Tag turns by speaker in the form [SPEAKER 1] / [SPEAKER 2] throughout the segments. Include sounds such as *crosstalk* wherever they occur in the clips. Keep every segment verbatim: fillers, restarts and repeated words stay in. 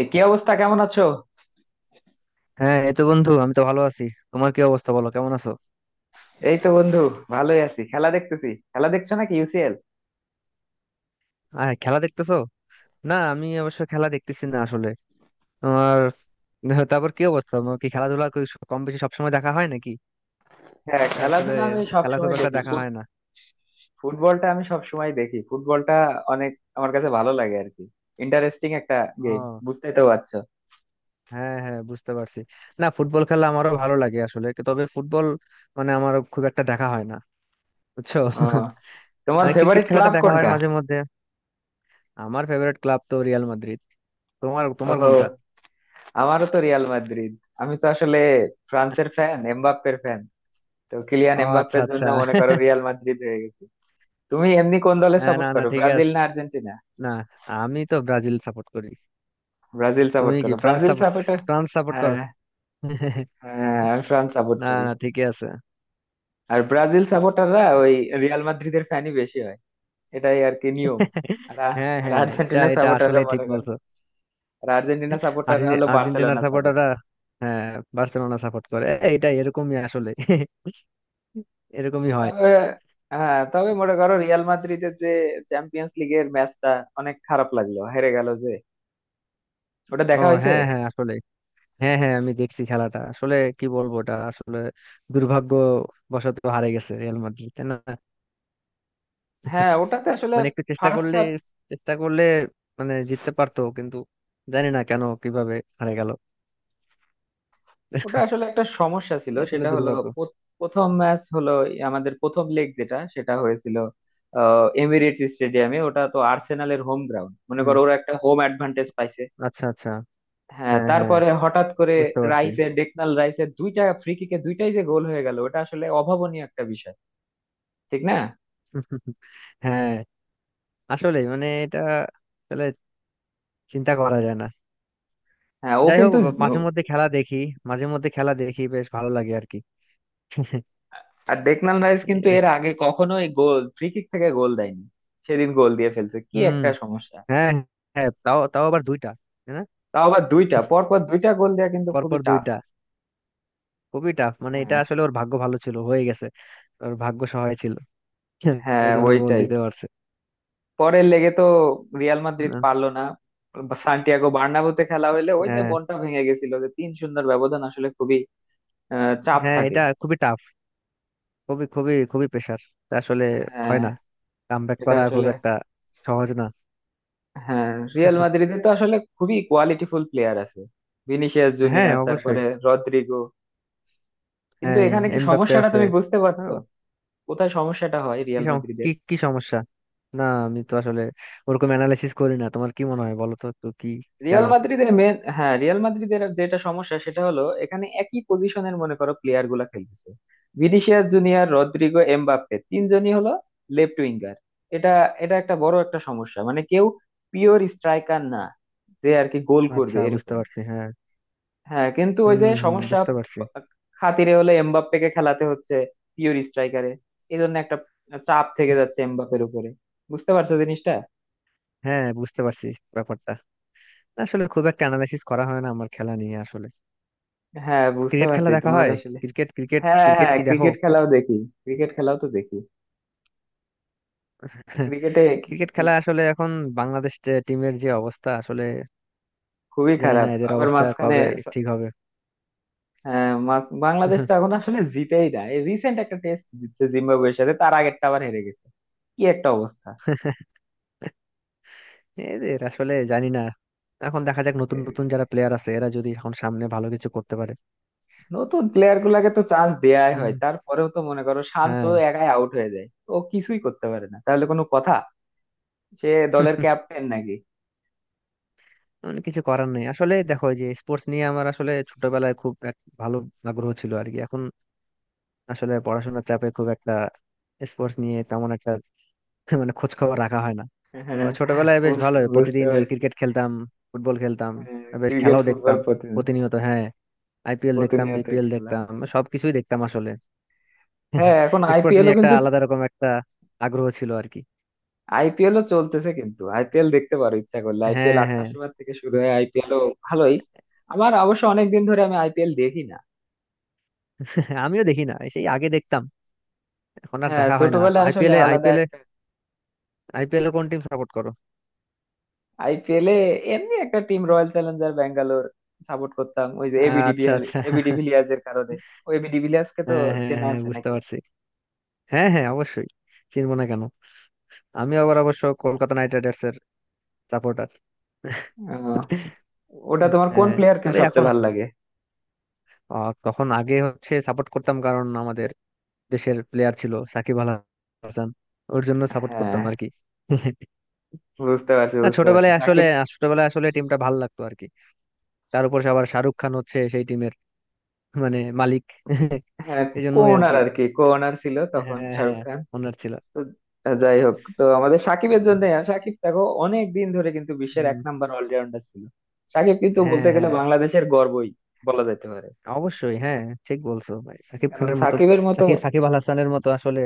[SPEAKER 1] এ কি অবস্থা, কেমন আছো?
[SPEAKER 2] হ্যাঁ, এই তো বন্ধু, আমি তো ভালো আছি। তোমার কি অবস্থা, বলো কেমন আছো?
[SPEAKER 1] এই তো বন্ধু, ভালোই আছি। খেলা দেখতেছি। খেলা দেখছো নাকি? ইউসিএল।
[SPEAKER 2] আহ খেলা দেখতেছো। না, আমি অবশ্য খেলা দেখতেছি না আসলে। তোমার? *laughs* তারপর কি অবস্থা তোমার? কি খেলাধুলা কি স- কম বেশি সবসময় দেখা হয় নাকি?
[SPEAKER 1] হ্যাঁ,
[SPEAKER 2] এটা আসলে
[SPEAKER 1] খেলাধুলা আমি সব
[SPEAKER 2] খেলা খুব
[SPEAKER 1] সময়
[SPEAKER 2] একটা
[SPEAKER 1] দেখি।
[SPEAKER 2] দেখা
[SPEAKER 1] ফুট-
[SPEAKER 2] হয় না।
[SPEAKER 1] ফুটবলটা আমি সব সময় দেখি। ফুটবলটা অনেক আমার কাছে ভালো লাগে আর কি। ইন্টারেস্টিং একটা গেম,
[SPEAKER 2] ও,
[SPEAKER 1] বুঝতেই তো পারছো।
[SPEAKER 2] হ্যাঁ হ্যাঁ, বুঝতে পারছি। না, ফুটবল খেলা আমারও ভালো লাগে আসলে কি- তবে ফুটবল মানে আমার খুব একটা দেখা হয় না, বুঝছো?
[SPEAKER 1] ও,
[SPEAKER 2] *laughs*
[SPEAKER 1] তোমার
[SPEAKER 2] আহ, ক্রিকেট
[SPEAKER 1] ফেভারিট
[SPEAKER 2] খেলাটা
[SPEAKER 1] ক্লাব
[SPEAKER 2] দেখা হয়
[SPEAKER 1] কোনটা?
[SPEAKER 2] মাঝে মধ্যে। আমার ফেভারিট ক্লাব তো রিয়াল মাদ্রিদ। তোমার তোমার
[SPEAKER 1] ও,
[SPEAKER 2] কোনটা?
[SPEAKER 1] আমারও তো রিয়াল মাদ্রিদ। আমি তো আসলে ফ্রান্সের ফ্যান, এমবাপ্পের ফ্যান। তো কিলিয়ান
[SPEAKER 2] ও আচ্ছা
[SPEAKER 1] এমবাপ্পের
[SPEAKER 2] আচ্ছা।
[SPEAKER 1] জন্য মনে করো
[SPEAKER 2] *laughs*
[SPEAKER 1] রিয়াল মাদ্রিদ হয়ে গেছে। তুমি এমনি কোন দলে
[SPEAKER 2] হ্যাঁ, না
[SPEAKER 1] সাপোর্ট
[SPEAKER 2] না,
[SPEAKER 1] করো,
[SPEAKER 2] ঠিক
[SPEAKER 1] ব্রাজিল
[SPEAKER 2] আছে।
[SPEAKER 1] না আর্জেন্টিনা?
[SPEAKER 2] না, আমি তো ব্রাজিল সাপোর্ট করি।
[SPEAKER 1] ব্রাজিল
[SPEAKER 2] তুমি
[SPEAKER 1] সাপোর্ট
[SPEAKER 2] কি
[SPEAKER 1] করো,
[SPEAKER 2] France
[SPEAKER 1] Brazil
[SPEAKER 2] support,
[SPEAKER 1] supporter.
[SPEAKER 2] France support করো? *laughs*
[SPEAKER 1] হ্যাঁ, আমি ফ্রান্স সাপোর্ট
[SPEAKER 2] না
[SPEAKER 1] করি।
[SPEAKER 2] না, ঠিকই আছে।
[SPEAKER 1] আর ব্রাজিল সাপোর্টাররা ওই রিয়াল মাদ্রিদের ফ্যানই বেশি হয়। এটাই আর কি নিয়ম। আর
[SPEAKER 2] *laughs*
[SPEAKER 1] আ-
[SPEAKER 2] হ্যাঁ
[SPEAKER 1] আর
[SPEAKER 2] হ্যাঁ, এটা
[SPEAKER 1] আর্জেন্টিনা
[SPEAKER 2] এটা
[SPEAKER 1] সাপোর্টাররা
[SPEAKER 2] আসলে ঠিক
[SPEAKER 1] মনে করো,
[SPEAKER 2] বলছো।
[SPEAKER 1] আর আর্জেন্টিনা সাপোর্টাররা
[SPEAKER 2] আর্জেন্টি-
[SPEAKER 1] হলো
[SPEAKER 2] আর্জেন্টিনার
[SPEAKER 1] বার্সেলোনা সাপোর্টার।
[SPEAKER 2] সাপোর্টাররা, হ্যাঁ, বার্সেলোনা সাপোর্ট করে। এ, এটা এরকমই আসলে। *laughs* এরকমই হয়।
[SPEAKER 1] তবে হ্যাঁ, তবে মনে করো রিয়াল মাদ্রিদের যে চ্যাম্পিয়ন্স লিগের ম্যাচটা, অনেক খারাপ লাগলো, হেরে গেল যে। ওটা
[SPEAKER 2] ও
[SPEAKER 1] দেখা হয়েছে?
[SPEAKER 2] হ্যাঁ হ্যাঁ আসলে, হ্যাঁ হ্যাঁ, আমি দেখছি খেলাটা। আসলে কি বলবো, ওটা আসলে দুর্ভাগ্য বশত হারে গেছে রিয়াল মাদ্রিদ, তাই না?
[SPEAKER 1] হ্যাঁ, ওটাতে আসলে
[SPEAKER 2] মানে একটু চেষ্টা
[SPEAKER 1] ফার্স্ট,
[SPEAKER 2] করলে চেষ্টা করলে মানে জিততে পারতো, কিন্তু জানি না কেন কিভাবে হারে গেল।
[SPEAKER 1] ওটা আসলে একটা সমস্যা ছিল,
[SPEAKER 2] আসলে
[SPEAKER 1] সেটা হলো
[SPEAKER 2] দুর্ভাগ্য।
[SPEAKER 1] পো- প্রথম ম্যাচ হলো এই, আমাদের প্রথম লেগ যেটা, সেটা হয়েছিল আহ, এমিরেটস স্টেডিয়ামে। ওটা তো আর্সেনালের হোম গ্রাউন্ড, মনে
[SPEAKER 2] হুম।
[SPEAKER 1] করো ওরা একটা হোম অ্যাডভান্টেজ পাইছে।
[SPEAKER 2] আচ্ছা আচ্ছা।
[SPEAKER 1] হ্যাঁ,
[SPEAKER 2] হ্যাঁ হ্যাঁ,
[SPEAKER 1] তারপরে হঠাৎ করে
[SPEAKER 2] বুঝতে পারছি।
[SPEAKER 1] রাইসের, ডেকনাল রাইসের দুইটা ফ্রি কিকে দুইটাই যে গোল হয়ে গেল, ওটা আসলে অভাবনীয় একটা বিষয়, ঠিক না?
[SPEAKER 2] *laughs* হ্যাঁ, আসলে মানে এটা আসলে চিন্তা করা যায় না।
[SPEAKER 1] হ্যাঁ, ও
[SPEAKER 2] যাই হোক,
[SPEAKER 1] কিন্তু।
[SPEAKER 2] মাঝে মধ্যে খেলা দেখি মাঝে মধ্যে খেলা দেখি, বেশ ভালো লাগে আর কি। *laughs*
[SPEAKER 1] আর ডেকনাল রাইস কিন্তু
[SPEAKER 2] এ,
[SPEAKER 1] এর আগে কখনোই গোল, ফ্রি কিক থেকে গোল দেয়নি। সেদিন গোল দিয়ে ফেলছে, কি
[SPEAKER 2] হুম,
[SPEAKER 1] একটা সমস্যা।
[SPEAKER 2] হ্যাঁ, হ্যাঁ তাও, তাও আবার দুইটা হ্যাঁ,
[SPEAKER 1] তাও আবার দুইটা, পরপর দুইটা গোল দেওয়া কিন্তু
[SPEAKER 2] পর
[SPEAKER 1] খুবই
[SPEAKER 2] পর
[SPEAKER 1] টাফ।
[SPEAKER 2] দুইটা, খুবই টাফ। মানে এটা আসলে ওর ভাগ্য ভালো ছিল, হয়ে গেছে, ওর ভাগ্য সহায় ছিল। *laughs* ওই
[SPEAKER 1] হ্যাঁ
[SPEAKER 2] জন্য গোল
[SPEAKER 1] ওইটাই।
[SPEAKER 2] দিতে পারছে।
[SPEAKER 1] পরের লেগে তো রিয়াল মাদ্রিদ
[SPEAKER 2] না,
[SPEAKER 1] পারলো না। সান্টিয়াগো বার্নাবুতে খেলা হইলে ওই যে
[SPEAKER 2] হ্যাঁ
[SPEAKER 1] মনটা ভেঙে গেছিল, যে তিন শূন্যের ব্যবধান আসলে খুবই আহ, চাপ
[SPEAKER 2] হ্যাঁ,
[SPEAKER 1] থাকে।
[SPEAKER 2] এটা খুবই টাফ। খুবই খুবই খুবই প্রেশার আসলে,
[SPEAKER 1] হ্যাঁ,
[SPEAKER 2] হয় না, কাম ব্যাক
[SPEAKER 1] এটা
[SPEAKER 2] করা খুব
[SPEAKER 1] আসলে।
[SPEAKER 2] একটা সহজ না।
[SPEAKER 1] হ্যাঁ, রিয়াল মাদ্রিদে তো আসলে খুবই কোয়ালিটিফুল প্লেয়ার আছে। ভিনিসিয়াস
[SPEAKER 2] হ্যাঁ
[SPEAKER 1] জুনিয়র,
[SPEAKER 2] অবশ্যই।
[SPEAKER 1] তারপরে রদ্রিগো, কিন্তু
[SPEAKER 2] হ্যাঁ
[SPEAKER 1] এখানে কি
[SPEAKER 2] এমবাপ্পে
[SPEAKER 1] সমস্যাটা
[SPEAKER 2] আছে
[SPEAKER 1] তুমি বুঝতে পারছো?
[SPEAKER 2] আরো।
[SPEAKER 1] কোথায় সমস্যাটা হয়
[SPEAKER 2] কি
[SPEAKER 1] রিয়াল
[SPEAKER 2] সম- কি
[SPEAKER 1] মাদ্রিদের?
[SPEAKER 2] কি সমস্যা? না, আমি তো আসলে ওরকম অ্যানালাইসিস করি না। তোমার কি মনে হয় বলো তো, তো কি? কেন?
[SPEAKER 1] রিয়াল মাদ্রিদের মেন, হ্যাঁ রিয়াল মাদ্রিদের যেটা সমস্যা, সেটা হলো এখানে একই পজিশনের মনে করো প্লেয়ার গুলা খেলতেছে। ভিনিসিয়াস জুনিয়র, রদ্রিগো, এমবাপ্পে তিনজনই হলো লেফট উইঙ্গার। এটা এটা একটা বড় একটা সমস্যা। মানে কেউ পিওর স্ট্রাইকার না, যে আর কি গোল করবে
[SPEAKER 2] আচ্ছা, বুঝতে
[SPEAKER 1] এরকম।
[SPEAKER 2] পারছি। হ্যাঁ,
[SPEAKER 1] হ্যাঁ কিন্তু ওই
[SPEAKER 2] হুম
[SPEAKER 1] যে
[SPEAKER 2] হুম
[SPEAKER 1] সমস্যা,
[SPEAKER 2] বুঝতে পারছি।
[SPEAKER 1] খাতিরে হলে এমবাপ্পেকে খেলাতে হচ্ছে পিওর স্ট্রাইকারে। এই জন্য একটা চাপ থেকে যাচ্ছে এমবাপ্পের উপরে। বুঝতে পারছো জিনিসটা?
[SPEAKER 2] হ্যাঁ, বুঝতে পারছি ব্যাপারটা। আসলে খুব একটা অ্যানালাইসিস করা হয় না আমার খেলা নিয়ে আসলে।
[SPEAKER 1] হ্যাঁ বুঝতে
[SPEAKER 2] ক্রিকেট
[SPEAKER 1] পারছি
[SPEAKER 2] খেলা দেখা
[SPEAKER 1] তোমার
[SPEAKER 2] হয়।
[SPEAKER 1] আসলে।
[SPEAKER 2] ক্রিকেট ক্রিকেট
[SPEAKER 1] হ্যাঁ
[SPEAKER 2] ক্রিকেট
[SPEAKER 1] হ্যাঁ,
[SPEAKER 2] কি দেখো?
[SPEAKER 1] ক্রিকেট খেলাও দেখি। ক্রিকেট খেলাও তো দেখি।
[SPEAKER 2] *laughs*
[SPEAKER 1] ক্রিকেটে কি
[SPEAKER 2] ক্রিকেট
[SPEAKER 1] কি
[SPEAKER 2] খেলা আসলে এখন বাংলাদেশ টিমের যে অবস্থা, আসলে
[SPEAKER 1] খুবই
[SPEAKER 2] জানি না
[SPEAKER 1] খারাপ
[SPEAKER 2] এদের
[SPEAKER 1] আবার
[SPEAKER 2] অবস্থা
[SPEAKER 1] মাঝখানে।
[SPEAKER 2] কবে
[SPEAKER 1] স-
[SPEAKER 2] ঠিক হবে।
[SPEAKER 1] হ্যাঁ, মা- বাংলাদেশ তো এখন আসলে জিতেই না। এই রিসেন্ট একটা টেস্ট জিতছে জিম্বাবুয়ের সাথে, তার আগেরটা আবার হেরে গেছে। কি একটা অবস্থা।
[SPEAKER 2] এদের আসলে জানি না। এখন দেখা যাক, নতুন নতুন
[SPEAKER 1] এ,
[SPEAKER 2] যারা প্লেয়ার আছে, এরা যদি এখন সামনে ভালো কিছু করতে পারে।
[SPEAKER 1] নতুন প্লেয়ার গুলাকে তো চান্স দেয়াই
[SPEAKER 2] হুম,
[SPEAKER 1] হয়, তারপরেও তো মনে করো শান্ত
[SPEAKER 2] হ্যাঁ।
[SPEAKER 1] একাই আউট হয়ে যায়। ও কিছুই করতে পারে না, তাহলে কোনো কথা। সে দলের
[SPEAKER 2] *laughs*
[SPEAKER 1] ক্যাপ্টেন নাকি।
[SPEAKER 2] মানে কিছু করার নেই আসলে। দেখো এই যে স্পোর্টস নিয়ে আমার আসলে ছোটবেলায় খুব এক ভালো আগ্রহ ছিল আর কি। এখন আসলে পড়াশোনার চাপে খুব একটা স্পোর্টস নিয়ে তেমন একটা *laughs* মানে খোঁজ খবর রাখা হয় না। তো
[SPEAKER 1] হ্যাঁ,
[SPEAKER 2] ছোটবেলায় বেশ
[SPEAKER 1] বুঝ-
[SPEAKER 2] ভালো,
[SPEAKER 1] বুঝতে
[SPEAKER 2] প্রতিদিন
[SPEAKER 1] পারছি।
[SPEAKER 2] ক্রিকেট খেলতাম, ফুটবল খেলতাম, বেশ
[SPEAKER 1] ক্রিকেট,
[SPEAKER 2] খেলাও
[SPEAKER 1] ফুটবল
[SPEAKER 2] দেখতাম,
[SPEAKER 1] প্রতিদিন,
[SPEAKER 2] প্রতিনিয়ত। হ্যাঁ, আইপিএল দেখতাম,
[SPEAKER 1] প্রতিনিয়ত
[SPEAKER 2] বিপিএল
[SPEAKER 1] খেলা
[SPEAKER 2] দেখতাম,
[SPEAKER 1] হচ্ছে।
[SPEAKER 2] সবকিছুই দেখতাম আসলে।
[SPEAKER 1] হ্যাঁ,
[SPEAKER 2] *laughs*
[SPEAKER 1] এখন
[SPEAKER 2] স্পোর্টস
[SPEAKER 1] আইপিএলও
[SPEAKER 2] নিয়ে একটা
[SPEAKER 1] কিন্তু,
[SPEAKER 2] আলাদা রকম একটা আগ্রহ ছিল আর কি।
[SPEAKER 1] আইপিএলও চলতেছে। কিন্তু আইপিএল দেখতে পারো ইচ্ছা করলে। আইপিএল
[SPEAKER 2] হ্যাঁ
[SPEAKER 1] আটটার
[SPEAKER 2] হ্যাঁ।
[SPEAKER 1] সময় থেকে শুরু হয়। আইপিএলও ভালোই। আমার অবশ্য অনেক দিন ধরে আমি আইপিএল দেখি না।
[SPEAKER 2] *laughs* আমিও দেখি না, সেই আগে দেখতাম, এখন আর
[SPEAKER 1] হ্যাঁ,
[SPEAKER 2] দেখা হয় না। তো
[SPEAKER 1] ছোটবেলায় আসলে
[SPEAKER 2] আইপিএল এ
[SPEAKER 1] আলাদা
[SPEAKER 2] আইপিএল এ
[SPEAKER 1] একটা।
[SPEAKER 2] আইপিএল এ কোন টিম সাপোর্ট করো?
[SPEAKER 1] আইপিএল এ এমনি একটা team, Royal Challenger Bangalore support করতাম। ওই যে এবি
[SPEAKER 2] আচ্ছা
[SPEAKER 1] ডিভিএল,
[SPEAKER 2] আচ্ছা।
[SPEAKER 1] এবি
[SPEAKER 2] *laughs*
[SPEAKER 1] ডিভিলিয়ার্স এর কারণে। ও, এবি ডিভিলিয়ার্স কে তো
[SPEAKER 2] হ্যাঁ হ্যাঁ
[SPEAKER 1] চেনা
[SPEAKER 2] হ্যাঁ
[SPEAKER 1] আছে
[SPEAKER 2] বুঝতে
[SPEAKER 1] নাকি?
[SPEAKER 2] পারছি। হ্যাঁ হ্যাঁ অবশ্যই, চিনবো না কেন? আমি আবার অবশ্য কলকাতা নাইট রাইডার্স এর সাপোর্টার।
[SPEAKER 1] আহ,
[SPEAKER 2] *laughs*
[SPEAKER 1] ওটা তোমার কোন
[SPEAKER 2] হ্যাঁ,
[SPEAKER 1] প্লেয়ারকে
[SPEAKER 2] তবে এখন
[SPEAKER 1] সবচেয়ে ভালো লাগে?
[SPEAKER 2] আহ, তখন আগে হচ্ছে সাপোর্ট করতাম কারণ আমাদের দেশের প্লেয়ার ছিল সাকিব আল হাসান, ওর জন্য সাপোর্ট
[SPEAKER 1] হ্যাঁ
[SPEAKER 2] করতাম আর কি। *laughs*
[SPEAKER 1] বুঝতে পারছি,
[SPEAKER 2] না,
[SPEAKER 1] বুঝতে পারছি
[SPEAKER 2] ছোটবেলায় আসলে,
[SPEAKER 1] সাকিব।
[SPEAKER 2] ছোটবেলায় আসলে টিমটা ভালো লাগতো আর কি। তার উপর আবার শাহরুখ খান হচ্ছে সেই টিমের মানে মালিক। *laughs*
[SPEAKER 1] হ্যাঁ,
[SPEAKER 2] এই জন্যই আর
[SPEAKER 1] কোনার
[SPEAKER 2] কি।
[SPEAKER 1] আর কি, কোনার ছিল তখন
[SPEAKER 2] হ্যাঁ হ্যাঁ,
[SPEAKER 1] শাহরুখ।
[SPEAKER 2] ওনার ছিল।
[SPEAKER 1] তো যাই হোক, তো আমাদের সাকিবের
[SPEAKER 2] উম,
[SPEAKER 1] জন্য, সাকিব দেখো অনেক দিন ধরে কিন্তু বিশ্বের এক
[SPEAKER 2] উম,
[SPEAKER 1] নাম্বার অলরাউন্ডার ছিল। সাকিব কিন্তু বলতে
[SPEAKER 2] হ্যাঁ
[SPEAKER 1] গেলে
[SPEAKER 2] হ্যাঁ
[SPEAKER 1] বাংলাদেশের গর্বই বলা যেতে পারে।
[SPEAKER 2] অবশ্যই। হ্যাঁ, ঠিক বলছো ভাই। সাকিব
[SPEAKER 1] কারণ
[SPEAKER 2] খানের মতো,
[SPEAKER 1] সাকিবের মতো,
[SPEAKER 2] সাকিব সাকিব আল হাসানের মতো আসলে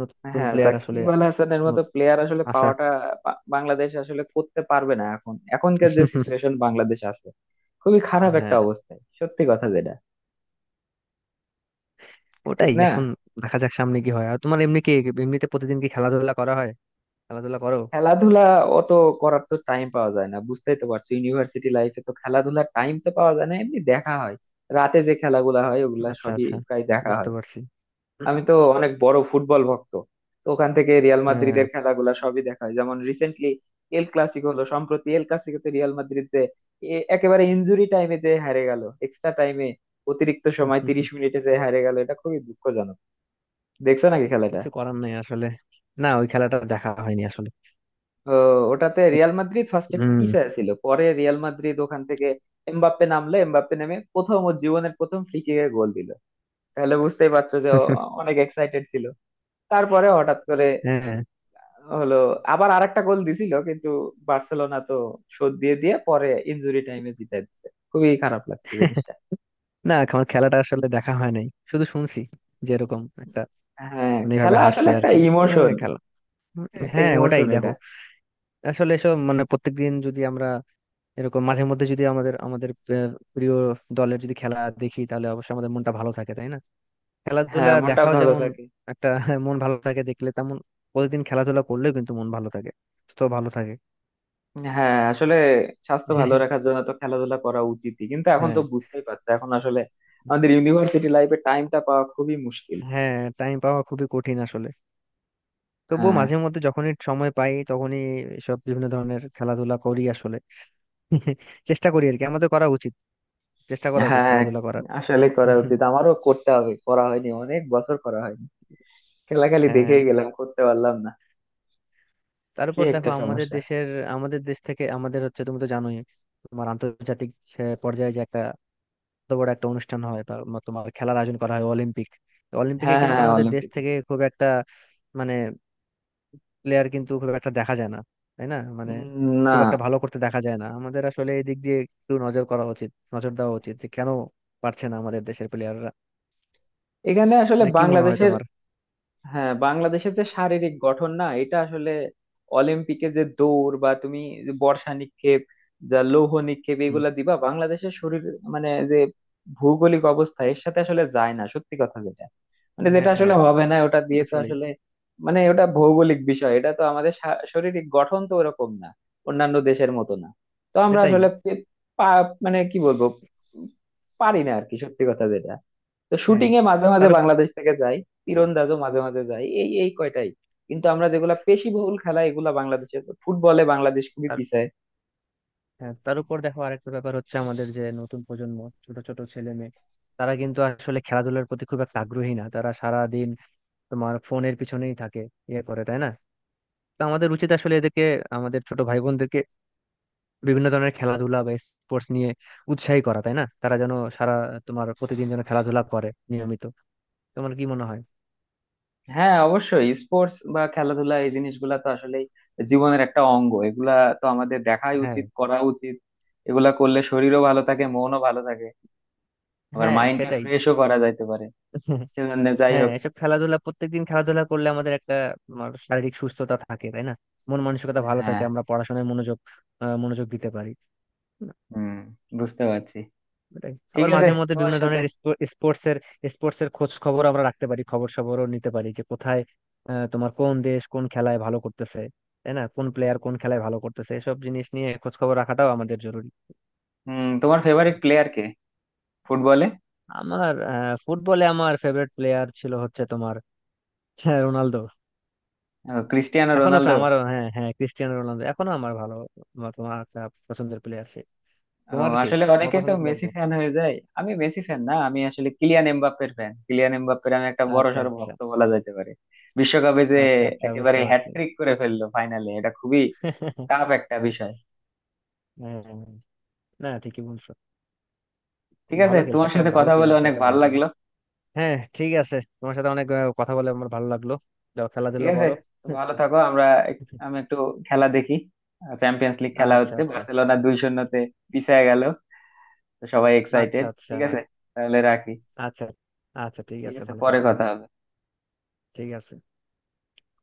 [SPEAKER 2] নতুন
[SPEAKER 1] হ্যাঁ
[SPEAKER 2] প্লেয়ার আসলে
[SPEAKER 1] সাকিব আল হাসানের মতো
[SPEAKER 2] নত-
[SPEAKER 1] প্লেয়ার আসলে
[SPEAKER 2] আসা
[SPEAKER 1] পাওয়াটা, বা- বাংলাদেশ আসলে করতে পারবে না। এখন এখনকার যে সিচুয়েশন
[SPEAKER 2] *laughs*
[SPEAKER 1] বাংলাদেশ আছে, খুবই খারাপ একটা
[SPEAKER 2] হ্যাঁ,
[SPEAKER 1] অবস্থায়, সত্যি কথা যেটা। ঠিক
[SPEAKER 2] ওটাই
[SPEAKER 1] না।
[SPEAKER 2] এখন। দেখা যাক সামনে কি হয়। আর তোমার এমনি কি, এমনিতে প্রতিদিন কি খেলাধুলা করা হয়, খেলাধুলা করো?
[SPEAKER 1] খেলাধুলা অত করার তো টাইম পাওয়া যায় না। বুঝতেই তো পারছো ইউনিভার্সিটি লাইফে তো খেলাধুলার টাইম তো পাওয়া যায় না। এমনি দেখা হয়, রাতে যে খেলাগুলা হয়, ওগুলা
[SPEAKER 2] আচ্ছা
[SPEAKER 1] সবই
[SPEAKER 2] আচ্ছা,
[SPEAKER 1] প্রায় দেখা
[SPEAKER 2] বুঝতে
[SPEAKER 1] হয়।
[SPEAKER 2] পারছি।
[SPEAKER 1] আমি তো অনেক বড় ফুটবল ভক্ত। তো ওখান থেকে রিয়াল
[SPEAKER 2] হ্যাঁ,
[SPEAKER 1] মাদ্রিদের খেলাগুলা সবই দেখা হয়। যেমন রিসেন্টলি এল ক্লাসিকো হলো। সম্প্রতি এল ক্লাসিকোতে রিয়াল মাদ্রিদ যে এ- একেবারে ইনজুরি টাইমে যে হারে গেল, এক্সট্রা টাইমে, অতিরিক্ত সময় তিরিশ মিনিটে যে হারে গেল, এটা খুবই দুঃখজনক। দেখছো নাকি খেলাটা?
[SPEAKER 2] কিছু করার নাই আসলে। না, ওই খেলাটা দেখা হয়নি আসলে।
[SPEAKER 1] ও, ওটাতে রিয়াল মাদ্রিদ ফার্স্টে
[SPEAKER 2] হম,
[SPEAKER 1] পিছিয়ে ছিল, পরে রিয়াল মাদ্রিদ ওখান থেকে এমবাপ্পে নামলে, এমবাপ্পে নেমে প্রথম, ওর জীবনের প্রথম ফ্রি কিকে গোল দিল। তাহলে বুঝতেই পারছো যে ও অনেক এক্সাইটেড ছিল। তারপরে হঠাৎ করে
[SPEAKER 2] হ্যাঁ।
[SPEAKER 1] হলো, আবার আরেকটা গোল দিছিল কিন্তু, বার্সেলোনা তো শোধ দিয়ে দিয়ে পরে ইনজুরি টাইমে জিতে দিচ্ছে। খুবই খারাপ লাগছে জিনিসটা।
[SPEAKER 2] না, আমার খেলাটা আসলে দেখা হয় নাই, শুধু শুনছি যে এরকম একটা
[SPEAKER 1] হ্যাঁ
[SPEAKER 2] মানে এইভাবে
[SPEAKER 1] খেলা আসলে
[SPEAKER 2] হারছে আর
[SPEAKER 1] একটা
[SPEAKER 2] কি। আহ,
[SPEAKER 1] ইমোশন,
[SPEAKER 2] খেলা, উম,
[SPEAKER 1] একটা
[SPEAKER 2] হ্যাঁ ওটাই
[SPEAKER 1] ইমোশন
[SPEAKER 2] দেখো,
[SPEAKER 1] এটা।
[SPEAKER 2] আসলে এসব মানে প্রত্যেকদিন যদি আমরা এরকম মাঝে মধ্যে যদি আমাদের আমাদের আহ, প্রিয় দলের যদি খেলা দেখি তাহলে অবশ্যই আমাদের মনটা ভালো থাকে, তাই না? খেলাধুলা
[SPEAKER 1] হ্যাঁ মনটা
[SPEAKER 2] দেখাও
[SPEAKER 1] ভালো
[SPEAKER 2] যেমন
[SPEAKER 1] থাকে।
[SPEAKER 2] একটা *laughs* মন ভালো থাকে দেখলে, তেমন প্রতিদিন খেলাধুলা করলেও কিন্তু মন ভালো থাকে, তো ভালো থাকে।
[SPEAKER 1] হ্যাঁ আসলে স্বাস্থ্য ভালো রাখার
[SPEAKER 2] *laughs*
[SPEAKER 1] জন্য তো খেলাধুলা করা উচিতই, কিন্তু এখন তো
[SPEAKER 2] হ্যাঁ
[SPEAKER 1] বুঝতেই পারছো এখন আসলে আমাদের ইউনিভার্সিটি লাইফে টাইমটা পাওয়া খুবই মুশকিল।
[SPEAKER 2] হ্যাঁ, টাইম পাওয়া খুবই কঠিন আসলে। তবুও
[SPEAKER 1] হ্যাঁ,
[SPEAKER 2] মাঝে মধ্যে যখনই সময় পাই তখনই সব বিভিন্ন ধরনের খেলাধুলা করি আসলে। *laughs* চেষ্টা করি আর কি, আমাদের করা উচিত, চেষ্টা করা উচিত
[SPEAKER 1] হ্যাঁ
[SPEAKER 2] খেলাধুলা করার।
[SPEAKER 1] আসলে করা
[SPEAKER 2] *laughs*
[SPEAKER 1] উচিত, আমারও করতে হবে, করা হয়নি, অনেক বছর করা হয়নি। খেলা খালি
[SPEAKER 2] হ্যাঁ,
[SPEAKER 1] দেখেই গেলাম, করতে পারলাম না। কি
[SPEAKER 2] তারপর
[SPEAKER 1] একটা
[SPEAKER 2] দেখো আমাদের
[SPEAKER 1] সমস্যা।
[SPEAKER 2] দেশের, আমাদের দেশ থেকে আমাদের হচ্ছে, তুমি তো জানোই, তোমার আন্তর্জাতিক আহ, পর্যায়ে যে একটা এত বড় একটা অনুষ্ঠান হয়, তার তোমার খেলার আয়োজন করা হয়, অলিম্পিক। তো অলিম্পিকে
[SPEAKER 1] হ্যাঁ হ্যাঁ
[SPEAKER 2] কিন্তু
[SPEAKER 1] হ্যাঁ,
[SPEAKER 2] আমাদের দেশ
[SPEAKER 1] অলিম্পিকে।
[SPEAKER 2] থেকে খুব একটা মানে প্লেয়ার কিন্তু খুব একটা দেখা যায় না, তাই না? মানে
[SPEAKER 1] উম, না।
[SPEAKER 2] খুব একটা ভালো করতে দেখা যায় না আমাদের। আসলে এই দিক দিয়ে একটু নজর করা উচিত, নজর দেওয়া উচিত যে কেন পারছে না আমাদের দেশের প্লেয়াররা।
[SPEAKER 1] এখানে আসলে
[SPEAKER 2] এটা কি মনে হয়
[SPEAKER 1] বাংলাদেশের,
[SPEAKER 2] তোমার?
[SPEAKER 1] হ্যাঁ বাংলাদেশের যে শারীরিক গঠন না, এটা আসলে অলিম্পিকে যে দৌড় বা তুমি যে বর্ষা নিক্ষেপ, যা লৌহ নিক্ষেপ,
[SPEAKER 2] হুম,
[SPEAKER 1] এগুলা দিবা, বাংলাদেশের শরীর মানে যে ভৌগোলিক অবস্থা, এর সাথে আসলে যায় না, সত্যি কথা যেটা। মানে যেটা
[SPEAKER 2] হ্যাঁ
[SPEAKER 1] আসলে
[SPEAKER 2] হ্যাঁ,
[SPEAKER 1] হবে না ওটা দিয়ে, তো
[SPEAKER 2] আসলেই,
[SPEAKER 1] আসলে মানে ওটা ভৌগোলিক বিষয়। এটা তো আমাদের শা- শারীরিক গঠন তো ওরকম না, অন্যান্য দেশের মতো না। তো আমরা
[SPEAKER 2] সেটাই।
[SPEAKER 1] আসলে পে- পা- মানে কি বলবো, পারি না আর কি, সত্যি কথা যেটা। তো
[SPEAKER 2] হ্যাঁ
[SPEAKER 1] শুটিং এ মাঝে মাঝে
[SPEAKER 2] তার উপ-
[SPEAKER 1] বাংলাদেশ থেকে যাই, তীরন্দাজও মাঝে মাঝে যাই, এই এই কয়টাই। কিন্তু আমরা যেগুলা পেশিবহুল খেলা এগুলা বাংলাদেশের, ফুটবলে বাংলাদেশ খুবই
[SPEAKER 2] তার
[SPEAKER 1] পিছায়।
[SPEAKER 2] হ্যাঁ, তার উপর দেখো আরেকটা ব্যাপার হচ্ছে, আমাদের যে নতুন প্রজন্ম, ছোট ছোট ছেলে মেয়ে, তারা কিন্তু আসলে খেলাধুলার প্রতি খুব একটা আগ্রহী না। তারা সারা দিন তোমার ফোনের পিছনেই থাকে, ইয়ে করে, তাই না? তো আমাদের উচিত আসলে এদেরকে, আমাদের ছোট ভাই, বিভিন্ন ধরনের খেলাধুলা বা স্পোর্টস নিয়ে উৎসাহী করা, তাই না? তারা যেন সারা তোমার প্রতিদিন যেন খেলাধুলা করে নিয়মিত। তোমার কি মনে হয়?
[SPEAKER 1] হ্যাঁ অবশ্যই স্পোর্টস বা খেলাধুলা এই জিনিসগুলা তো আসলে জীবনের একটা অঙ্গ এগুলা। তো আমাদের দেখাই
[SPEAKER 2] হ্যাঁ
[SPEAKER 1] উচিত, করা উচিত। এগুলা করলে শরীরও ভালো থাকে, মনও ভালো থাকে, আবার
[SPEAKER 2] হ্যাঁ
[SPEAKER 1] মাইন্ডকে
[SPEAKER 2] সেটাই।
[SPEAKER 1] ফ্রেশও করা যাইতে পারে।
[SPEAKER 2] *laughs*
[SPEAKER 1] সেজন্য যাই
[SPEAKER 2] হ্যাঁ
[SPEAKER 1] হোক।
[SPEAKER 2] এসব খেলাধুলা, প্রত্যেকদিন খেলাধুলা করলে আমাদের একটা তোমার শারীরিক সুস্থতা থাকে, তাই না? মন মানসিকতা ভালো থাকে,
[SPEAKER 1] হ্যাঁ।
[SPEAKER 2] আমরা পড়াশোনায় মনোযোগ আহ, মনোযোগ দিতে পারি।
[SPEAKER 1] হুম, বুঝতে পারছি।
[SPEAKER 2] ওটাই
[SPEAKER 1] ঠিক
[SPEAKER 2] আবার
[SPEAKER 1] আছে
[SPEAKER 2] মাঝে মধ্যে
[SPEAKER 1] তোমার
[SPEAKER 2] বিভিন্ন
[SPEAKER 1] সাথে।
[SPEAKER 2] ধরনের স্পোর্টস এর স্পোর্টস এর খোঁজ খবর আমরা রাখতে পারি, খবর সবরও নিতে পারি যে কোথায় আহ, তোমার কোন দেশ কোন খেলায় ভালো করতেছে, তাই না? কোন প্লেয়ার কোন খেলায় ভালো করতেছে, এসব জিনিস নিয়ে খোঁজ খবর রাখাটাও আমাদের জরুরি।
[SPEAKER 1] হুম, তোমার ফেভারিট প্লেয়ার কে ফুটবলে?
[SPEAKER 2] আমার আহ, ফুটবলে আমার ফেভারিট প্লেয়ার ছিল হচ্ছে তোমার হ্যাঁ, রোনালদো।
[SPEAKER 1] আহ, ক্রিস্টিয়ানো
[SPEAKER 2] এখনো ফে-
[SPEAKER 1] রোনালদো।
[SPEAKER 2] আমার হ্যাঁ হ্যাঁ, ক্রিস্টিয়ানো রোনালদো এখনো আমার ভালো, আমার- তোমার একটা পছন্দের প্লেয়ার সে।
[SPEAKER 1] ও,
[SPEAKER 2] তোমার কি,
[SPEAKER 1] আসলে
[SPEAKER 2] তোমার
[SPEAKER 1] অনেকেই তো
[SPEAKER 2] পছন্দের প্লেয়ার
[SPEAKER 1] মেসি
[SPEAKER 2] কে?
[SPEAKER 1] ফ্যান হয়ে যায়। আমি মেসি ফ্যান না, আমি আসলে কিলিয়ান এমবাপ্পের ফ্যান। কিলিয়ান এমবাপ্পের আমি একটা
[SPEAKER 2] আচ্ছা
[SPEAKER 1] বড়সড়
[SPEAKER 2] আচ্ছা,
[SPEAKER 1] ভক্ত বলা যেতে পারে। বিশ্বকাপে যে
[SPEAKER 2] আচ্ছা আচ্ছা,
[SPEAKER 1] একেবারে
[SPEAKER 2] বুঝতে পারছি।
[SPEAKER 1] হ্যাটট্রিক করে ফেললো ফাইনালে, এটা খুবই
[SPEAKER 2] *laughs*
[SPEAKER 1] টাফ একটা বিষয়।
[SPEAKER 2] হ্যাঁ হ্যাঁ। না, ঠিকই বলছো,
[SPEAKER 1] ঠিক আছে,
[SPEAKER 2] ভালো খেলছে,
[SPEAKER 1] তোমার
[SPEAKER 2] একটা
[SPEAKER 1] সাথে
[SPEAKER 2] ভালো
[SPEAKER 1] কথা বলে
[SPEAKER 2] প্লেয়ার সে,
[SPEAKER 1] অনেক
[SPEAKER 2] একটা
[SPEAKER 1] ভালো
[SPEAKER 2] ভালো প্লেয়ার।
[SPEAKER 1] লাগলো।
[SPEAKER 2] হ্যাঁ ঠিক আছে, তোমার সাথে অনেক আহ, কথা বলে আমার ভালো লাগলো। যাও
[SPEAKER 1] ঠিক
[SPEAKER 2] খেলাধুলা
[SPEAKER 1] আছে,
[SPEAKER 2] করো।
[SPEAKER 1] তো ভালো
[SPEAKER 2] *laughs*
[SPEAKER 1] থাকো। আমরা এক- আমি একটু খেলা দেখি। চ্যাম্পিয়ন্স লিগ খেলা
[SPEAKER 2] আচ্ছা
[SPEAKER 1] হচ্ছে,
[SPEAKER 2] আচ্ছা,
[SPEAKER 1] বার্সেলোনা দুই শূন্যতে পিছিয়ে গেল। তো সবাই
[SPEAKER 2] আচ্ছা
[SPEAKER 1] এক্সাইটেড,
[SPEAKER 2] আচ্ছা,
[SPEAKER 1] ঠিক আছে? তাহলে রাখি।
[SPEAKER 2] আচ্ছা আচ্ছা, ঠিক
[SPEAKER 1] ঠিক
[SPEAKER 2] আছে,
[SPEAKER 1] আছে,
[SPEAKER 2] ভালো
[SPEAKER 1] পরে
[SPEAKER 2] থাকো।
[SPEAKER 1] কথা হবে।
[SPEAKER 2] ঠিক আছে।